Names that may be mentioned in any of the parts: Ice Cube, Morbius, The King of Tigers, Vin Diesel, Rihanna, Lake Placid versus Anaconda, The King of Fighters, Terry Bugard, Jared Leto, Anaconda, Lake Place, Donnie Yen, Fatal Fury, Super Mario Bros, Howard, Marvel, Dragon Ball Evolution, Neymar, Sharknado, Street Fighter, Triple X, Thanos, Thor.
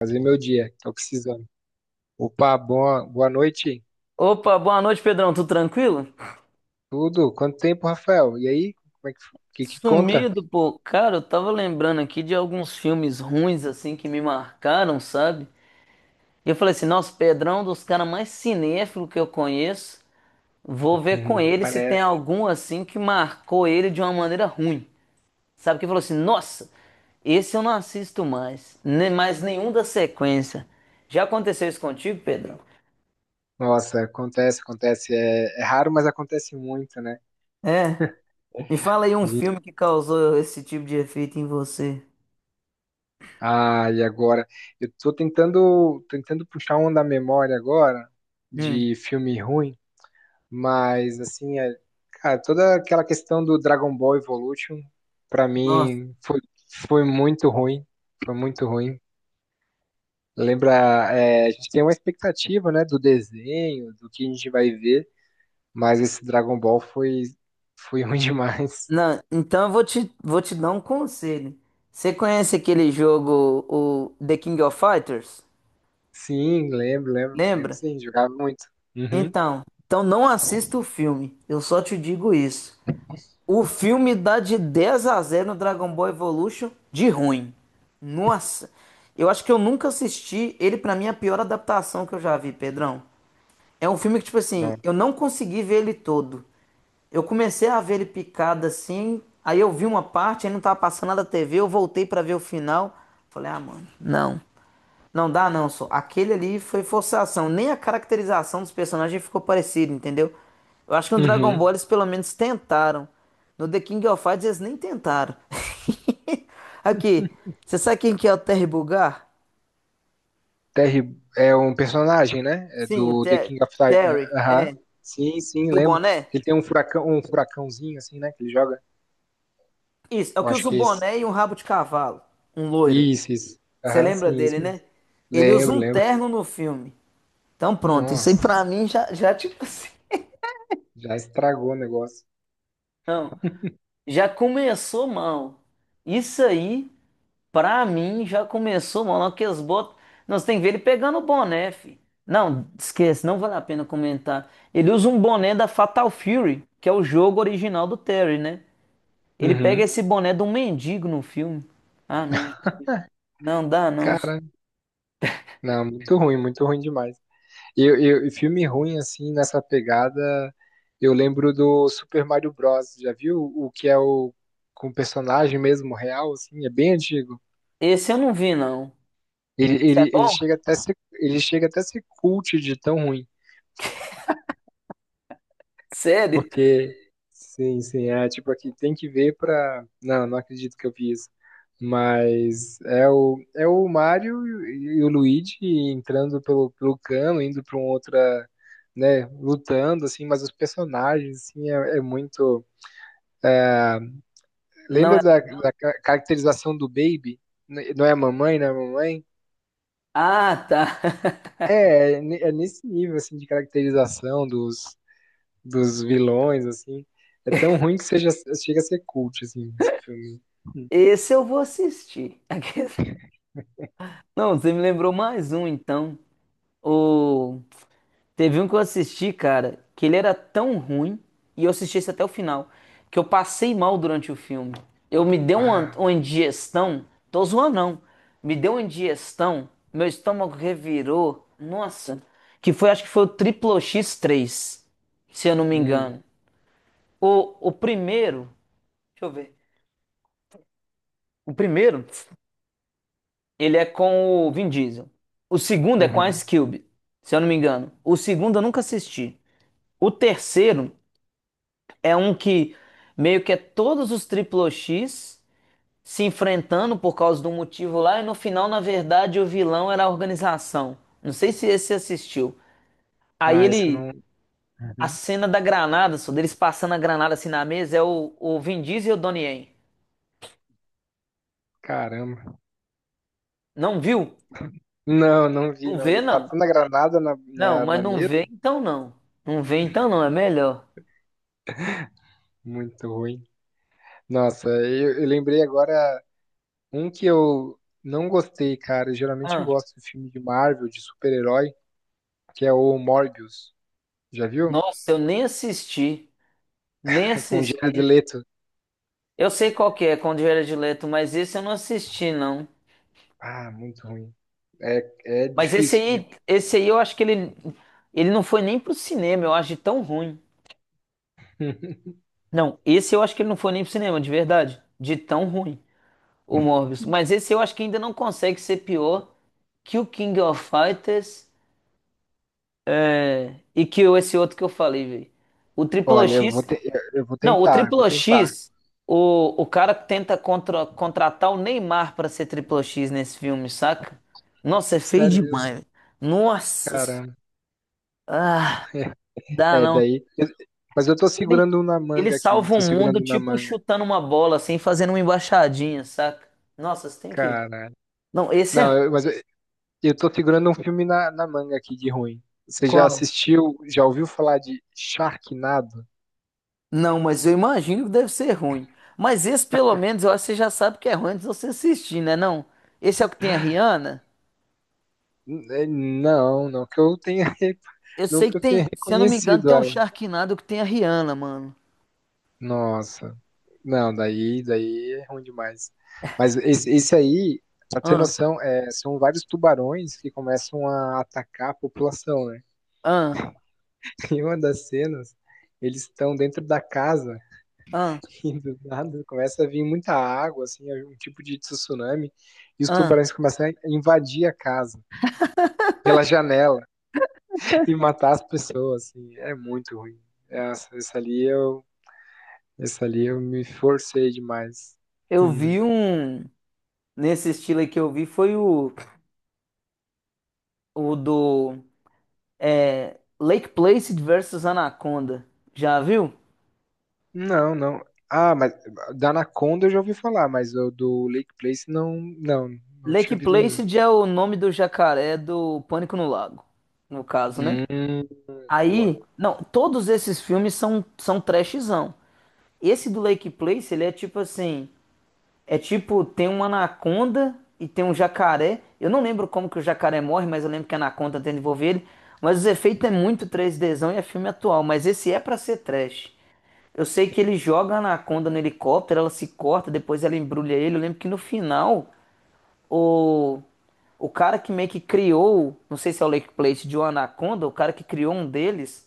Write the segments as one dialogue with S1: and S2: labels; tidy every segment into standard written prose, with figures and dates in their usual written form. S1: Fazer meu dia, tô precisando. Opa, boa noite.
S2: Opa, boa noite, Pedrão. Tudo tranquilo?
S1: Tudo? Quanto tempo, Rafael? E aí? Como é que conta?
S2: Sumido, pô. Cara, eu tava lembrando aqui de alguns filmes ruins, assim, que me marcaram, sabe? E eu falei assim, nossa, Pedrão, um dos caras mais cinéfilos que eu conheço, vou ver com
S1: Uhum,
S2: ele se tem
S1: parece.
S2: algum, assim, que marcou ele de uma maneira ruim. Sabe? Que falou assim, nossa, esse eu não assisto mais. Nem mais nenhum da sequência. Já aconteceu isso contigo, Pedrão?
S1: Nossa, acontece, acontece. É raro, mas acontece muito, né?
S2: É. Me fala aí um
S1: A gente...
S2: filme que causou esse tipo de efeito em você.
S1: Ah, e agora? Eu tô tentando puxar um da memória agora
S2: Hum.
S1: de filme ruim, mas assim, é... cara, toda aquela questão do Dragon Ball Evolution, pra
S2: Nossa.
S1: mim, foi muito ruim. Foi muito ruim. Lembra, é, a gente tem uma expectativa, né, do desenho, do que a gente vai ver, mas esse Dragon Ball foi ruim demais.
S2: Não, então eu vou te dar um conselho. Você conhece aquele jogo, o The King of Fighters?
S1: Sim, lembro, lembro, lembro
S2: Lembra?
S1: sim, jogava muito. Uhum.
S2: Então não assista o filme. Eu só te digo isso. O filme dá de 10 a 0 no Dragon Ball Evolution de ruim. Nossa, eu acho que eu nunca assisti. Ele, pra mim, é a pior adaptação que eu já vi, Pedrão. É um filme que, tipo assim,
S1: Não.
S2: eu não consegui ver ele todo. Eu comecei a ver ele picado assim, aí eu vi uma parte, aí não tava passando nada na TV, eu voltei pra ver o final. Falei, ah, mano, não. Não dá não, só. Aquele ali foi forçação. Nem a caracterização dos personagens ficou parecida, entendeu? Eu acho que no Dragon
S1: Uhum.
S2: Ball eles pelo menos tentaram. No The King of Fighters eles nem tentaram. Aqui, você sabe quem que é o Terry Bugard?
S1: Terry é um personagem, né? É
S2: Sim, o
S1: do The
S2: Ter
S1: King of Tigers.
S2: Terry.
S1: Aham.
S2: É,
S1: Sim, sim,
S2: do
S1: lembro.
S2: boné?
S1: Ele tem um furacão, um furacãozinho assim, né? Que ele joga.
S2: Isso, é o
S1: Eu
S2: que
S1: acho
S2: usa
S1: que
S2: um
S1: é esse.
S2: boné e um rabo de cavalo. Um loiro.
S1: Isso, isso.
S2: Você
S1: Aham,
S2: lembra
S1: sim,
S2: dele,
S1: isso
S2: né?
S1: mesmo.
S2: Ele usa
S1: Lembro,
S2: um
S1: lembro.
S2: terno no filme. Então pronto, isso aí
S1: Nossa,
S2: pra mim já tipo assim.
S1: já estragou o negócio.
S2: Não, já começou mal. Isso aí, pra mim, já começou mal. Não, que eles botam. Nós tem que ver ele pegando o boné, fi. Não, esquece, não vale a pena comentar. Ele usa um boné da Fatal Fury, que é o jogo original do Terry, né? Ele pega
S1: Uhum.
S2: esse boné de um mendigo no filme. Ah, não dá, não.
S1: Cara, não, muito ruim demais. E filme ruim, assim, nessa pegada, eu lembro do Super Mario Bros. Já viu o que é o com o personagem mesmo real, assim, é bem antigo.
S2: Esse eu não vi, não.
S1: Ele,
S2: Esse é
S1: ele, ele
S2: bom?
S1: chega até a ser, ele chega até a ser cult de tão ruim.
S2: Sério?
S1: Porque, sim, sim, é tipo aqui, tem que ver pra. Não, não acredito que eu vi isso. Mas é o Mario e o Luigi entrando pelo cano, indo pra um outra, né, lutando, assim, mas os personagens, assim, é muito.
S2: Não
S1: Lembra
S2: é
S1: da,
S2: legal.
S1: da caracterização do Baby? Não é a mamãe, não é a mamãe?
S2: Ah, tá.
S1: É, é é nesse nível, assim, de caracterização dos vilões, assim. É tão ruim que seja, chega a ser cult, assim, esse filme.
S2: Esse eu vou assistir. Não, você me lembrou mais um, então. O... Teve um que eu assisti, cara, que ele era tão ruim, e eu assisti esse até o final, que eu passei mal durante o filme. Eu me dei uma,
S1: Ah,
S2: uma indigestão, tô zoando não, me deu uma indigestão, meu estômago revirou, nossa, que foi, acho que foi o Triplo X3, se eu não me
S1: hum,
S2: engano. O primeiro, deixa eu ver. O primeiro, ele é com o Vin Diesel. O segundo é com a
S1: uhum.
S2: Ice Cube, se eu não me engano. O segundo eu nunca assisti. O terceiro é um que meio que é todos os Triple X se enfrentando por causa de um motivo lá e no final, na verdade, o vilão era a organização. Não sei se esse você assistiu. Aí
S1: Ah, isso eu não.
S2: ele, a
S1: Uhum.
S2: cena da granada, só deles passando a granada assim na mesa, é o Vin Diesel e o Donnie Yen.
S1: Caramba.
S2: Não viu?
S1: Não, não vi,
S2: Não
S1: não
S2: vê,
S1: vi.
S2: não.
S1: Passando a granada
S2: Não, mas
S1: na
S2: não
S1: mesa?
S2: vê então não. Não vê então não, é melhor.
S1: Muito ruim. Nossa, eu lembrei agora um que eu não gostei, cara. Geralmente eu
S2: Ah,
S1: gosto de filme de Marvel, de super-herói, que é o Morbius. Já viu?
S2: nossa, eu nem assisti. Nem
S1: Com o Jared
S2: assisti.
S1: Leto.
S2: Eu sei qual que é, Conde Direto, mas esse eu não assisti, não.
S1: Ah, muito ruim. É, é
S2: Mas esse
S1: difícil de.
S2: aí, esse aí eu acho que ele não foi nem pro cinema, eu acho de tão ruim. Não, esse eu acho que ele não foi nem pro cinema, de verdade. De tão ruim, o Morbius. Mas esse eu acho que ainda não consegue ser pior que o King of Fighters e que esse outro que eu falei, velho. O Triple
S1: Olha, eu vou,
S2: X
S1: te- eu eu vou
S2: Não, o
S1: tentar, eu vou
S2: Triplo
S1: tentar.
S2: X, o cara tenta contratar o Neymar pra ser Triplo X nesse filme, saca? Nossa, é feio
S1: Sério mesmo,
S2: demais. Nossa,
S1: caramba.
S2: ah, dá
S1: É,
S2: não.
S1: daí. Mas eu tô
S2: Ele,
S1: segurando um na
S2: ele
S1: manga aqui.
S2: salva o
S1: Tô
S2: mundo
S1: segurando um na
S2: tipo
S1: manga.
S2: chutando uma bola, assim, fazendo uma embaixadinha, saca? Nossa, você tem que.
S1: Caralho.
S2: Não, esse
S1: Não,
S2: é.
S1: eu- mas Eu tô segurando um filme na manga aqui de ruim. Você já
S2: Qual?
S1: assistiu, já ouviu falar de Sharknado?
S2: Não, mas eu imagino que deve ser ruim. Mas esse, pelo menos, eu acho que você já sabe que é ruim antes de você assistir, né? Não? Esse é o que tem a Rihanna?
S1: Não, não que eu tenha,
S2: Eu
S1: não
S2: sei
S1: que
S2: que
S1: eu tenha
S2: tem, se eu não me engano,
S1: reconhecido
S2: tem um
S1: ela.
S2: Sharknado que tem a Rihanna, mano.
S1: Nossa, não, daí, daí é ruim demais. Mas esse aí, pra ter
S2: Ah,
S1: noção, é, são vários tubarões que começam a atacar a população, né?
S2: ah,
S1: Em uma das cenas, eles estão dentro da casa
S2: ah,
S1: e do nada começa a vir muita água, assim, é um tipo de tsunami, e os
S2: ah.
S1: tubarões começam a invadir a casa pela janela e matar as pessoas, assim, é muito ruim. Essa, essa ali eu, essa ali eu me forcei demais.
S2: Eu
S1: Uhum.
S2: vi um. Nesse estilo aí que eu vi foi o do Lake Placid versus Anaconda. Já viu?
S1: Não, não. Ah, mas da Anaconda eu já ouvi falar, mas o do Lake Place não
S2: Lake
S1: tinha visto ainda.
S2: Placid é o nome do jacaré do Pânico no Lago, no caso, né?
S1: Hum, boa.
S2: Aí, não, todos esses filmes são trashzão. Esse do Lake Placid, ele é tipo assim. É tipo, tem uma anaconda e tem um jacaré. Eu não lembro como que o jacaré morre, mas eu lembro que a anaconda tenta envolver ele. Mas os efeitos é muito três dzão e é filme atual, mas esse é pra ser trash. Eu sei que ele joga a anaconda no helicóptero, ela se corta, depois ela embrulha ele. Eu lembro que no final, o, o cara que meio que criou, não sei se é o Lake Plate de uma anaconda, o cara que criou um deles,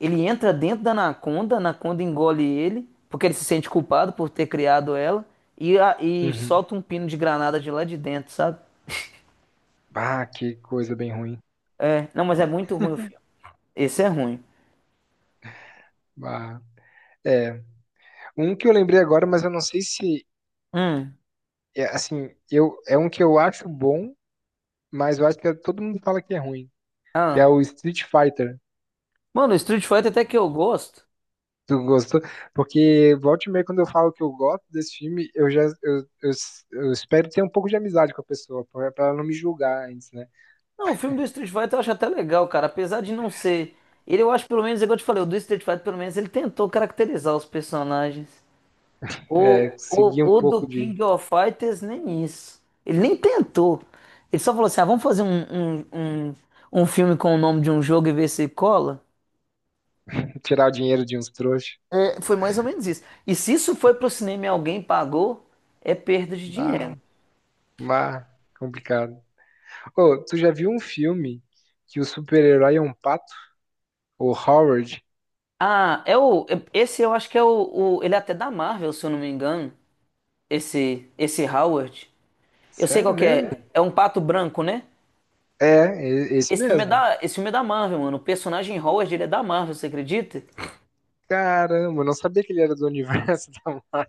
S2: ele entra dentro da Anaconda, a Anaconda engole ele, porque ele se sente culpado por ter criado ela, e
S1: Uhum.
S2: solta um pino de granada de lá de dentro, sabe?
S1: Ah, que coisa bem ruim.
S2: É, não, mas é muito ruim o filme. Esse é ruim.
S1: Ah, é. Um que eu lembrei agora, mas eu não sei se.
S2: Hum.
S1: É, assim, eu, é um que eu acho bom, mas eu acho que todo mundo fala que é ruim, que é
S2: Ah.
S1: o Street Fighter.
S2: Mano, o Street Fighter até que eu gosto.
S1: Tu gostou? Porque volta e meia, quando eu falo que eu gosto desse filme, eu já eu espero ter um pouco de amizade com a pessoa, pra ela não me julgar antes, né?
S2: Não, o filme do Street Fighter eu acho até legal, cara. Apesar de não ser. Ele, eu acho pelo menos, igual eu te falei, o do Street Fighter, pelo menos, ele tentou caracterizar os personagens. O,
S1: É,
S2: o,
S1: seguir um
S2: o do
S1: pouco de
S2: King of Fighters nem isso. Ele nem tentou. Ele só falou assim: ah, vamos fazer um, um filme com o nome de um jogo e ver se cola.
S1: tirar o dinheiro de uns trouxas.
S2: É, foi mais ou menos isso. E se isso foi pro cinema e alguém pagou, é perda de
S1: Ah,
S2: dinheiro.
S1: mas complicado. Ô, tu já viu um filme que o super-herói é um pato? O Howard?
S2: Ah, Esse eu acho que Ele é até da Marvel, se eu não me engano. Esse Howard. Eu sei
S1: Sério
S2: qual que
S1: mesmo?
S2: é. É um pato branco, né?
S1: É, esse
S2: Esse filme é
S1: mesmo.
S2: da, esse filme é da Marvel, mano. O personagem Howard, ele é da Marvel, você acredita?
S1: Caramba, eu não sabia que ele era do universo da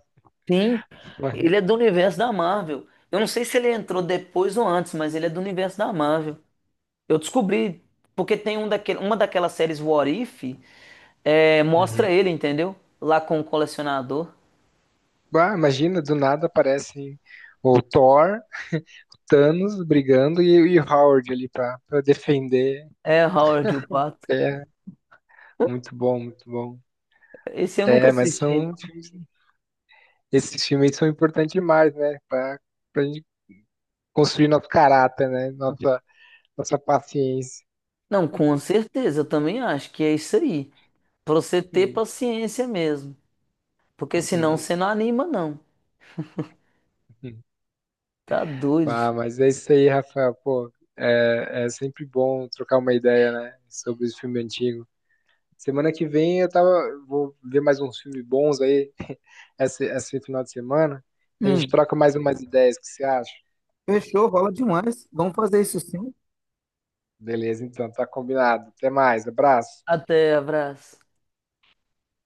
S2: Sim,
S1: Marvel.
S2: ele é do universo da Marvel. Eu não sei se ele entrou depois ou antes, mas ele é do universo da Marvel. Eu descobri, porque tem uma daquelas séries What If, mostra
S1: Uhum.
S2: ele, entendeu? Lá com o colecionador.
S1: Ah, imagina, do nada aparecem o Thor, Thanos brigando e o Howard ali pra defender.
S2: É Howard o Pato.
S1: É, muito bom, muito bom.
S2: Esse eu nunca
S1: É, mas
S2: assisti,
S1: são
S2: não.
S1: filmes- esses filmes aí são importantes demais, né? Pra gente construir nosso caráter, né? Nossa, nossa paciência.
S2: Não, com certeza, eu também acho que é isso aí. Pra você ter
S1: Hum,
S2: paciência mesmo. Porque senão
S1: hum,
S2: você não anima, não.
S1: hum.
S2: Tá doido,
S1: Ah,
S2: filho.
S1: mas é isso aí, Rafael. Pô, é sempre bom trocar uma ideia, né, sobre os filmes antigos. Semana que vem eu tava, vou ver mais uns filmes bons aí, esse final de semana. A gente
S2: Hum,
S1: troca mais umas ideias, o que você acha?
S2: Fechou, rola demais. Vamos fazer isso sim.
S1: Beleza, então, tá combinado. Até mais, abraço.
S2: Até, abraço.